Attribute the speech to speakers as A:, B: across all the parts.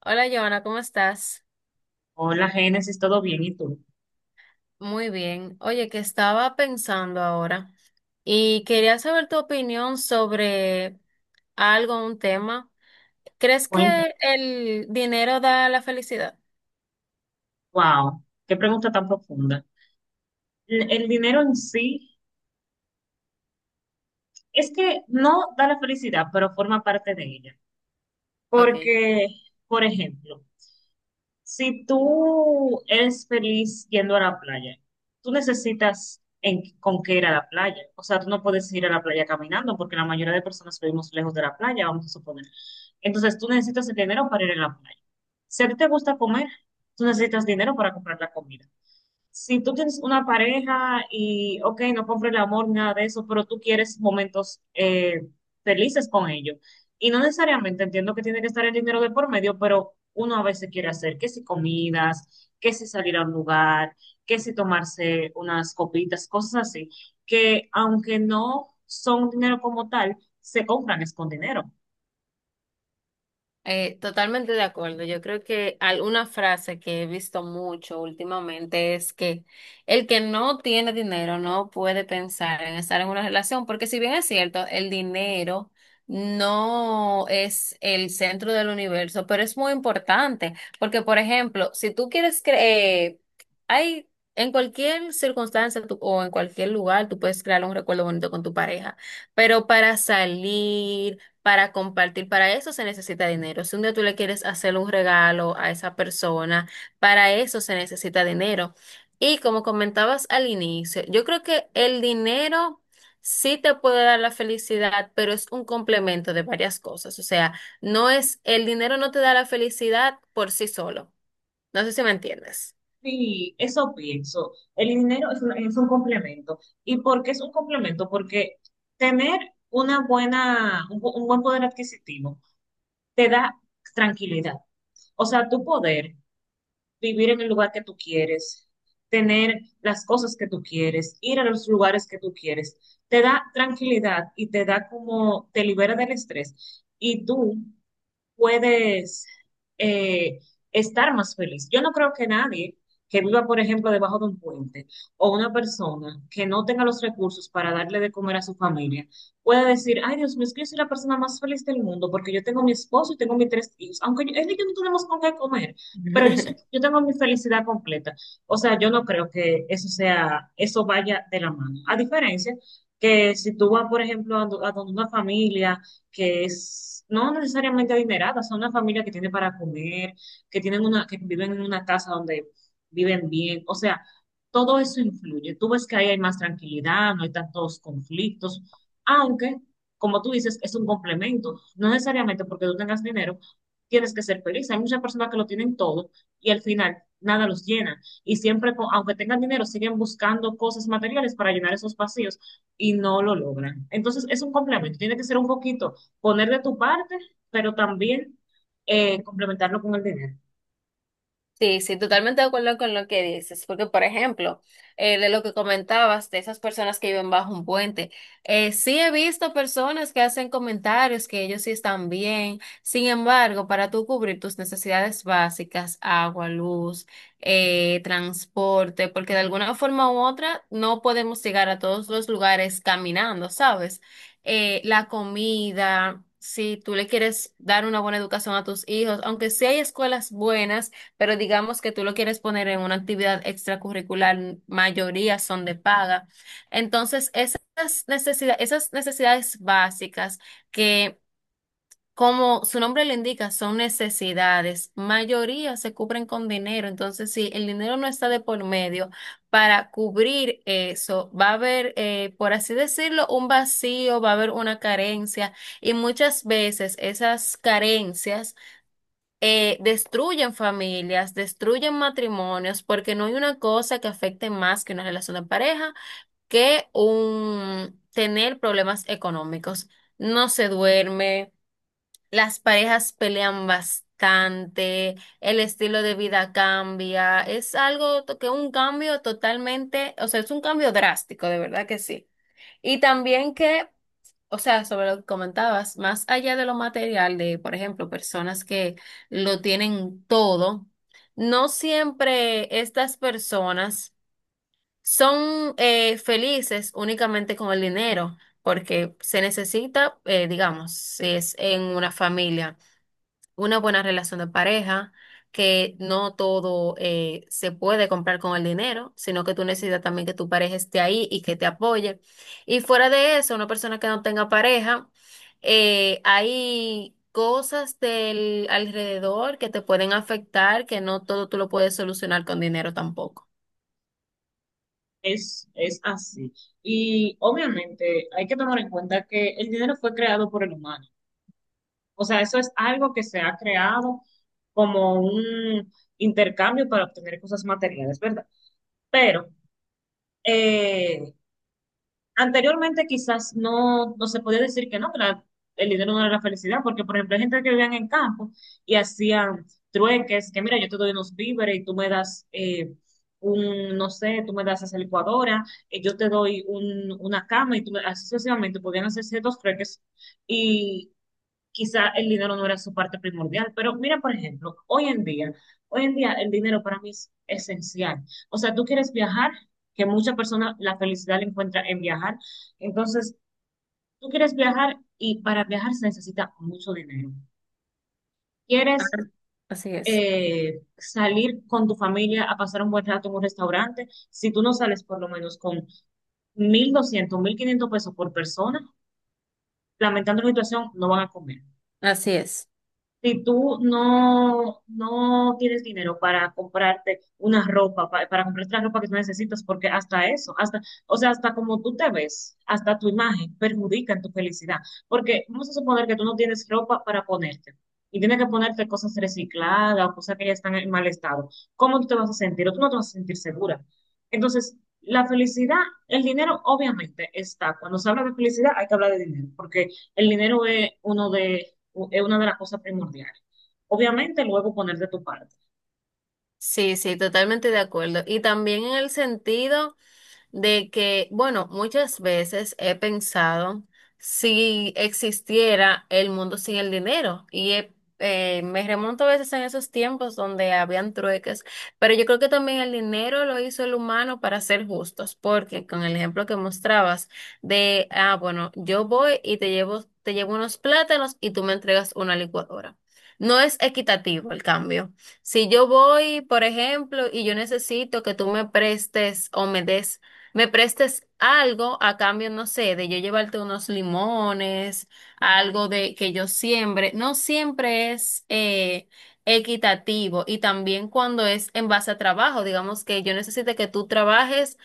A: Hola, Joana, ¿cómo estás?
B: Hola, Génesis, ¿todo bien? ¿Y tú?
A: Muy bien. Oye, que estaba pensando ahora y quería saber tu opinión sobre algo, un tema. ¿Crees
B: Cuéntame.
A: que el dinero da la felicidad?
B: Wow, qué pregunta tan profunda. El dinero en sí es que no da la felicidad, pero forma parte de ella.
A: Ok.
B: Porque, por ejemplo, si tú eres feliz yendo a la playa, tú necesitas con qué ir a la playa. O sea, tú no puedes ir a la playa caminando porque la mayoría de personas vivimos lejos de la playa, vamos a suponer. Entonces, tú necesitas el dinero para ir a la playa. Si a ti te gusta comer, tú necesitas dinero para comprar la comida. Si tú tienes una pareja y, ok, no compres el amor, nada de eso, pero tú quieres momentos felices con ellos y no necesariamente entiendo que tiene que estar el dinero de por medio, pero uno a veces quiere hacer que si comidas, que si salir a un lugar, que si tomarse unas copitas, cosas así, que aunque no son dinero como tal, se compran es con dinero.
A: Totalmente de acuerdo. Yo creo que alguna frase que he visto mucho últimamente es que el que no tiene dinero no puede pensar en estar en una relación, porque si bien es cierto, el dinero no es el centro del universo, pero es muy importante, porque por ejemplo, si tú quieres creer, hay en cualquier circunstancia o en cualquier lugar, tú puedes crear un recuerdo bonito con tu pareja, pero para salir para compartir. Para eso se necesita dinero. Si un día tú le quieres hacer un regalo a esa persona, para eso se necesita dinero. Y como comentabas al inicio, yo creo que el dinero sí te puede dar la felicidad, pero es un complemento de varias cosas. O sea, el dinero no te da la felicidad por sí solo. No sé si me entiendes.
B: Sí, eso pienso. El dinero es es un complemento. ¿Y por qué es un complemento? Porque tener una buena, un bu- un buen poder adquisitivo te da tranquilidad. O sea, tu poder vivir en el lugar que tú quieres, tener las cosas que tú quieres, ir a los lugares que tú quieres. Te da tranquilidad y te da como, te libera del estrés. Y tú puedes eh, estar más feliz. Yo no creo que nadie que viva, por ejemplo, debajo de un puente o una persona que no tenga los recursos para darle de comer a su familia pueda decir, ay Dios mío, es que yo soy la persona más feliz del mundo porque yo tengo mi esposo y tengo mis tres hijos, aunque yo, él y yo no tenemos con qué comer, pero yo tengo mi felicidad completa. O sea, yo no creo que eso sea, eso vaya de la mano. A diferencia que si tú vas, por ejemplo, a donde una familia, que es no necesariamente adineradas, son una familia que tiene para comer, que tienen que viven en una casa donde viven bien, o sea, todo eso influye. Tú ves que ahí hay más tranquilidad, no hay tantos conflictos, aunque, como tú dices, es un complemento. No necesariamente porque tú tengas dinero, tienes que ser feliz. Hay muchas personas que lo tienen todo y al final nada los llena. Y siempre, aunque tengan dinero, siguen buscando cosas materiales para llenar esos vacíos y no lo logran. Entonces, es un complemento. Tiene que ser un poquito poner de tu parte, pero también complementarlo con el dinero.
A: Sí, totalmente de acuerdo con lo que dices, porque por ejemplo, de lo que comentabas, de esas personas que viven bajo un puente, sí he visto personas que hacen comentarios que ellos sí están bien, sin embargo, para tú cubrir tus necesidades básicas, agua, luz, transporte, porque de alguna forma u otra no podemos llegar a todos los lugares caminando, ¿sabes? La comida. Si tú le quieres dar una buena educación a tus hijos, aunque sí hay escuelas buenas, pero digamos que tú lo quieres poner en una actividad extracurricular, mayoría son de paga. Entonces, esas necesidades básicas que, como su nombre lo indica, son necesidades, mayoría se cubren con dinero. Entonces, si el dinero no está de por medio para cubrir eso, va a haber, por así decirlo, un vacío, va a haber una carencia y muchas veces esas carencias destruyen familias, destruyen matrimonios, porque no hay una cosa que afecte más que una relación de pareja que un tener problemas económicos. No se duerme, las parejas pelean bastante, el estilo de vida cambia, es algo que un cambio totalmente, o sea, es un cambio drástico, de verdad que sí. Y también que o sea, sobre lo que comentabas, más allá de lo material, de, por ejemplo, personas que lo tienen todo, no siempre estas personas son felices únicamente con el dinero, porque se necesita, digamos, si es en una familia una buena relación de pareja, que no todo se puede comprar con el dinero, sino que tú necesitas también que tu pareja esté ahí y que te apoye. Y fuera de eso, una persona que no tenga pareja, hay cosas del alrededor que te pueden afectar, que no todo tú lo puedes solucionar con dinero tampoco.
B: Es así. Y obviamente hay que tomar en cuenta que el dinero fue creado por el humano. O sea, eso es algo que se ha creado como un intercambio para obtener cosas materiales, ¿verdad? Pero eh, anteriormente quizás no se podía decir que no, que la- el dinero no era la felicidad, porque por ejemplo hay gente que vivían en campo y hacían trueques, que mira, yo te doy unos víveres y tú me das un, no sé, tú me das esa licuadora, yo te doy una cama y tú me, así sucesivamente podían hacer ciertos trueques, quizá el dinero no era su parte primordial, pero mira, por ejemplo, hoy en día el dinero para mí es esencial. O sea, tú quieres viajar, que muchas personas la felicidad la encuentra en viajar. Entonces, tú quieres viajar y para viajar se necesita mucho dinero.
A: Ah,
B: Quieres
A: así es,
B: salir con tu familia a pasar un buen rato en un restaurante, si tú no sales por lo menos con 1.200, 1.500 pesos por persona, lamentando la situación, no van a comer.
A: así es.
B: Si tú no tienes dinero para comprarte una ropa, comprarte la ropa que tú necesitas, porque hasta eso, hasta, o sea, hasta como tú te ves, hasta tu imagen perjudica en tu felicidad. Porque vamos a suponer que tú no tienes ropa para ponerte y tienes que ponerte cosas recicladas o cosas que ya están en mal estado. ¿Cómo tú te vas a sentir? O tú no te vas a sentir segura. Entonces, la felicidad, el dinero obviamente está. Cuando se habla de felicidad, hay que hablar de dinero, porque el dinero es uno de es una de las cosas primordiales. Obviamente, luego poner de tu parte.
A: Sí, sí, totalmente de acuerdo. Y también en el sentido de que, bueno, muchas veces he pensado si existiera el mundo sin el dinero y me remonto a veces en esos tiempos donde habían trueques, pero yo creo que también el dinero lo hizo el humano para ser justos, porque con el ejemplo que mostrabas de, ah, bueno, yo voy y te llevo unos plátanos y tú me entregas una licuadora. No es equitativo el cambio. Si yo voy, por ejemplo, y yo necesito que tú me prestes o me prestes algo a cambio, no sé, de yo llevarte unos limones, algo de que yo siembre. No siempre es equitativo y también cuando es en base a trabajo, digamos que yo necesite que tú trabajes,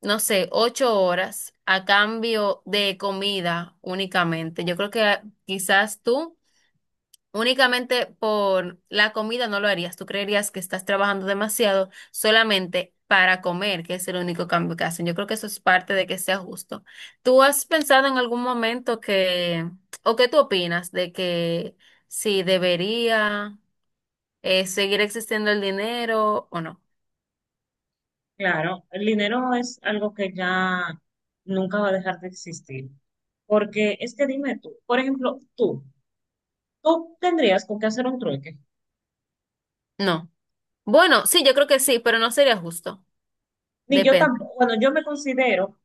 A: no sé, 8 horas a cambio de comida únicamente. Yo creo que ah, quizás tú únicamente por la comida no lo harías. Tú creerías que estás trabajando demasiado solamente para comer, que es el único cambio que hacen. Yo creo que eso es parte de que sea justo. ¿Tú has pensado en algún momento que, o qué tú opinas de que si debería seguir existiendo el dinero o no?
B: Claro, el dinero es algo que ya nunca va a dejar de existir. Porque es que dime tú, por ejemplo, tú tendrías con qué hacer un trueque.
A: No. Bueno, sí, yo creo que sí, pero no sería justo.
B: Ni yo
A: Depende.
B: tampoco, bueno,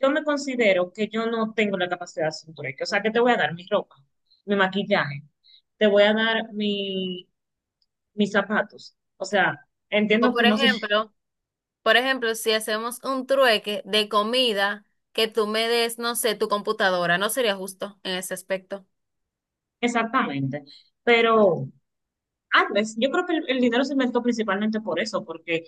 B: yo me considero que yo no tengo la capacidad de hacer un trueque. O sea, que te voy a dar mi ropa, mi maquillaje, te voy a dar mis zapatos. O sea,
A: O
B: entiendo que
A: por
B: no sé
A: ejemplo, Por ejemplo, si hacemos un trueque de comida que tú me des, no sé, tu computadora, no sería justo en ese aspecto.
B: exactamente, pero antes, yo creo que el dinero se inventó principalmente por eso, porque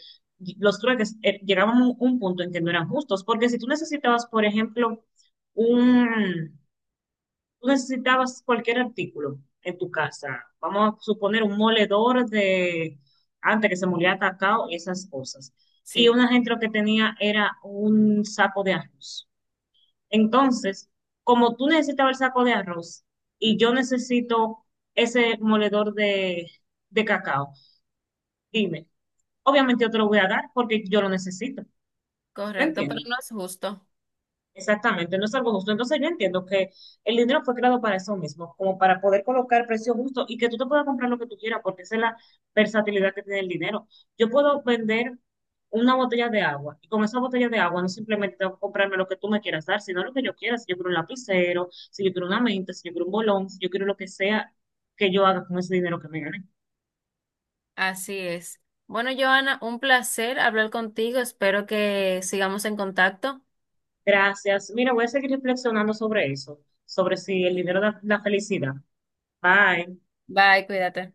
B: los trueques llegaban a un punto en que no eran justos, porque si tú necesitabas, por ejemplo, un, tú necesitabas cualquier artículo en tu casa, vamos a suponer un moledor de, antes que se molía cacao y esas cosas, y
A: Sí.
B: una gente lo que tenía era un saco de arroz. Entonces, como tú necesitabas el saco de arroz y yo necesito ese moledor de cacao, dime, obviamente yo te lo voy a dar porque yo lo necesito. ¿Lo
A: Correcto, pero
B: entiendes?
A: no es justo.
B: Exactamente, no es algo justo. Entonces yo entiendo que el dinero fue creado para eso mismo, como para poder colocar precios justos y que tú te puedas comprar lo que tú quieras, porque esa es la versatilidad que tiene el dinero. Yo puedo vender una botella de agua y con esa botella de agua no simplemente tengo que comprarme lo que tú me quieras dar, sino lo que yo quiera, si yo quiero un lapicero, si yo quiero una menta, si yo quiero un bolón, si yo quiero lo que sea que yo haga con ese dinero que me gane.
A: Así es. Bueno, Joana, un placer hablar contigo. Espero que sigamos en contacto.
B: Gracias. Mira, voy a seguir reflexionando sobre eso, sobre si el dinero da la felicidad. Bye.
A: Bye, cuídate.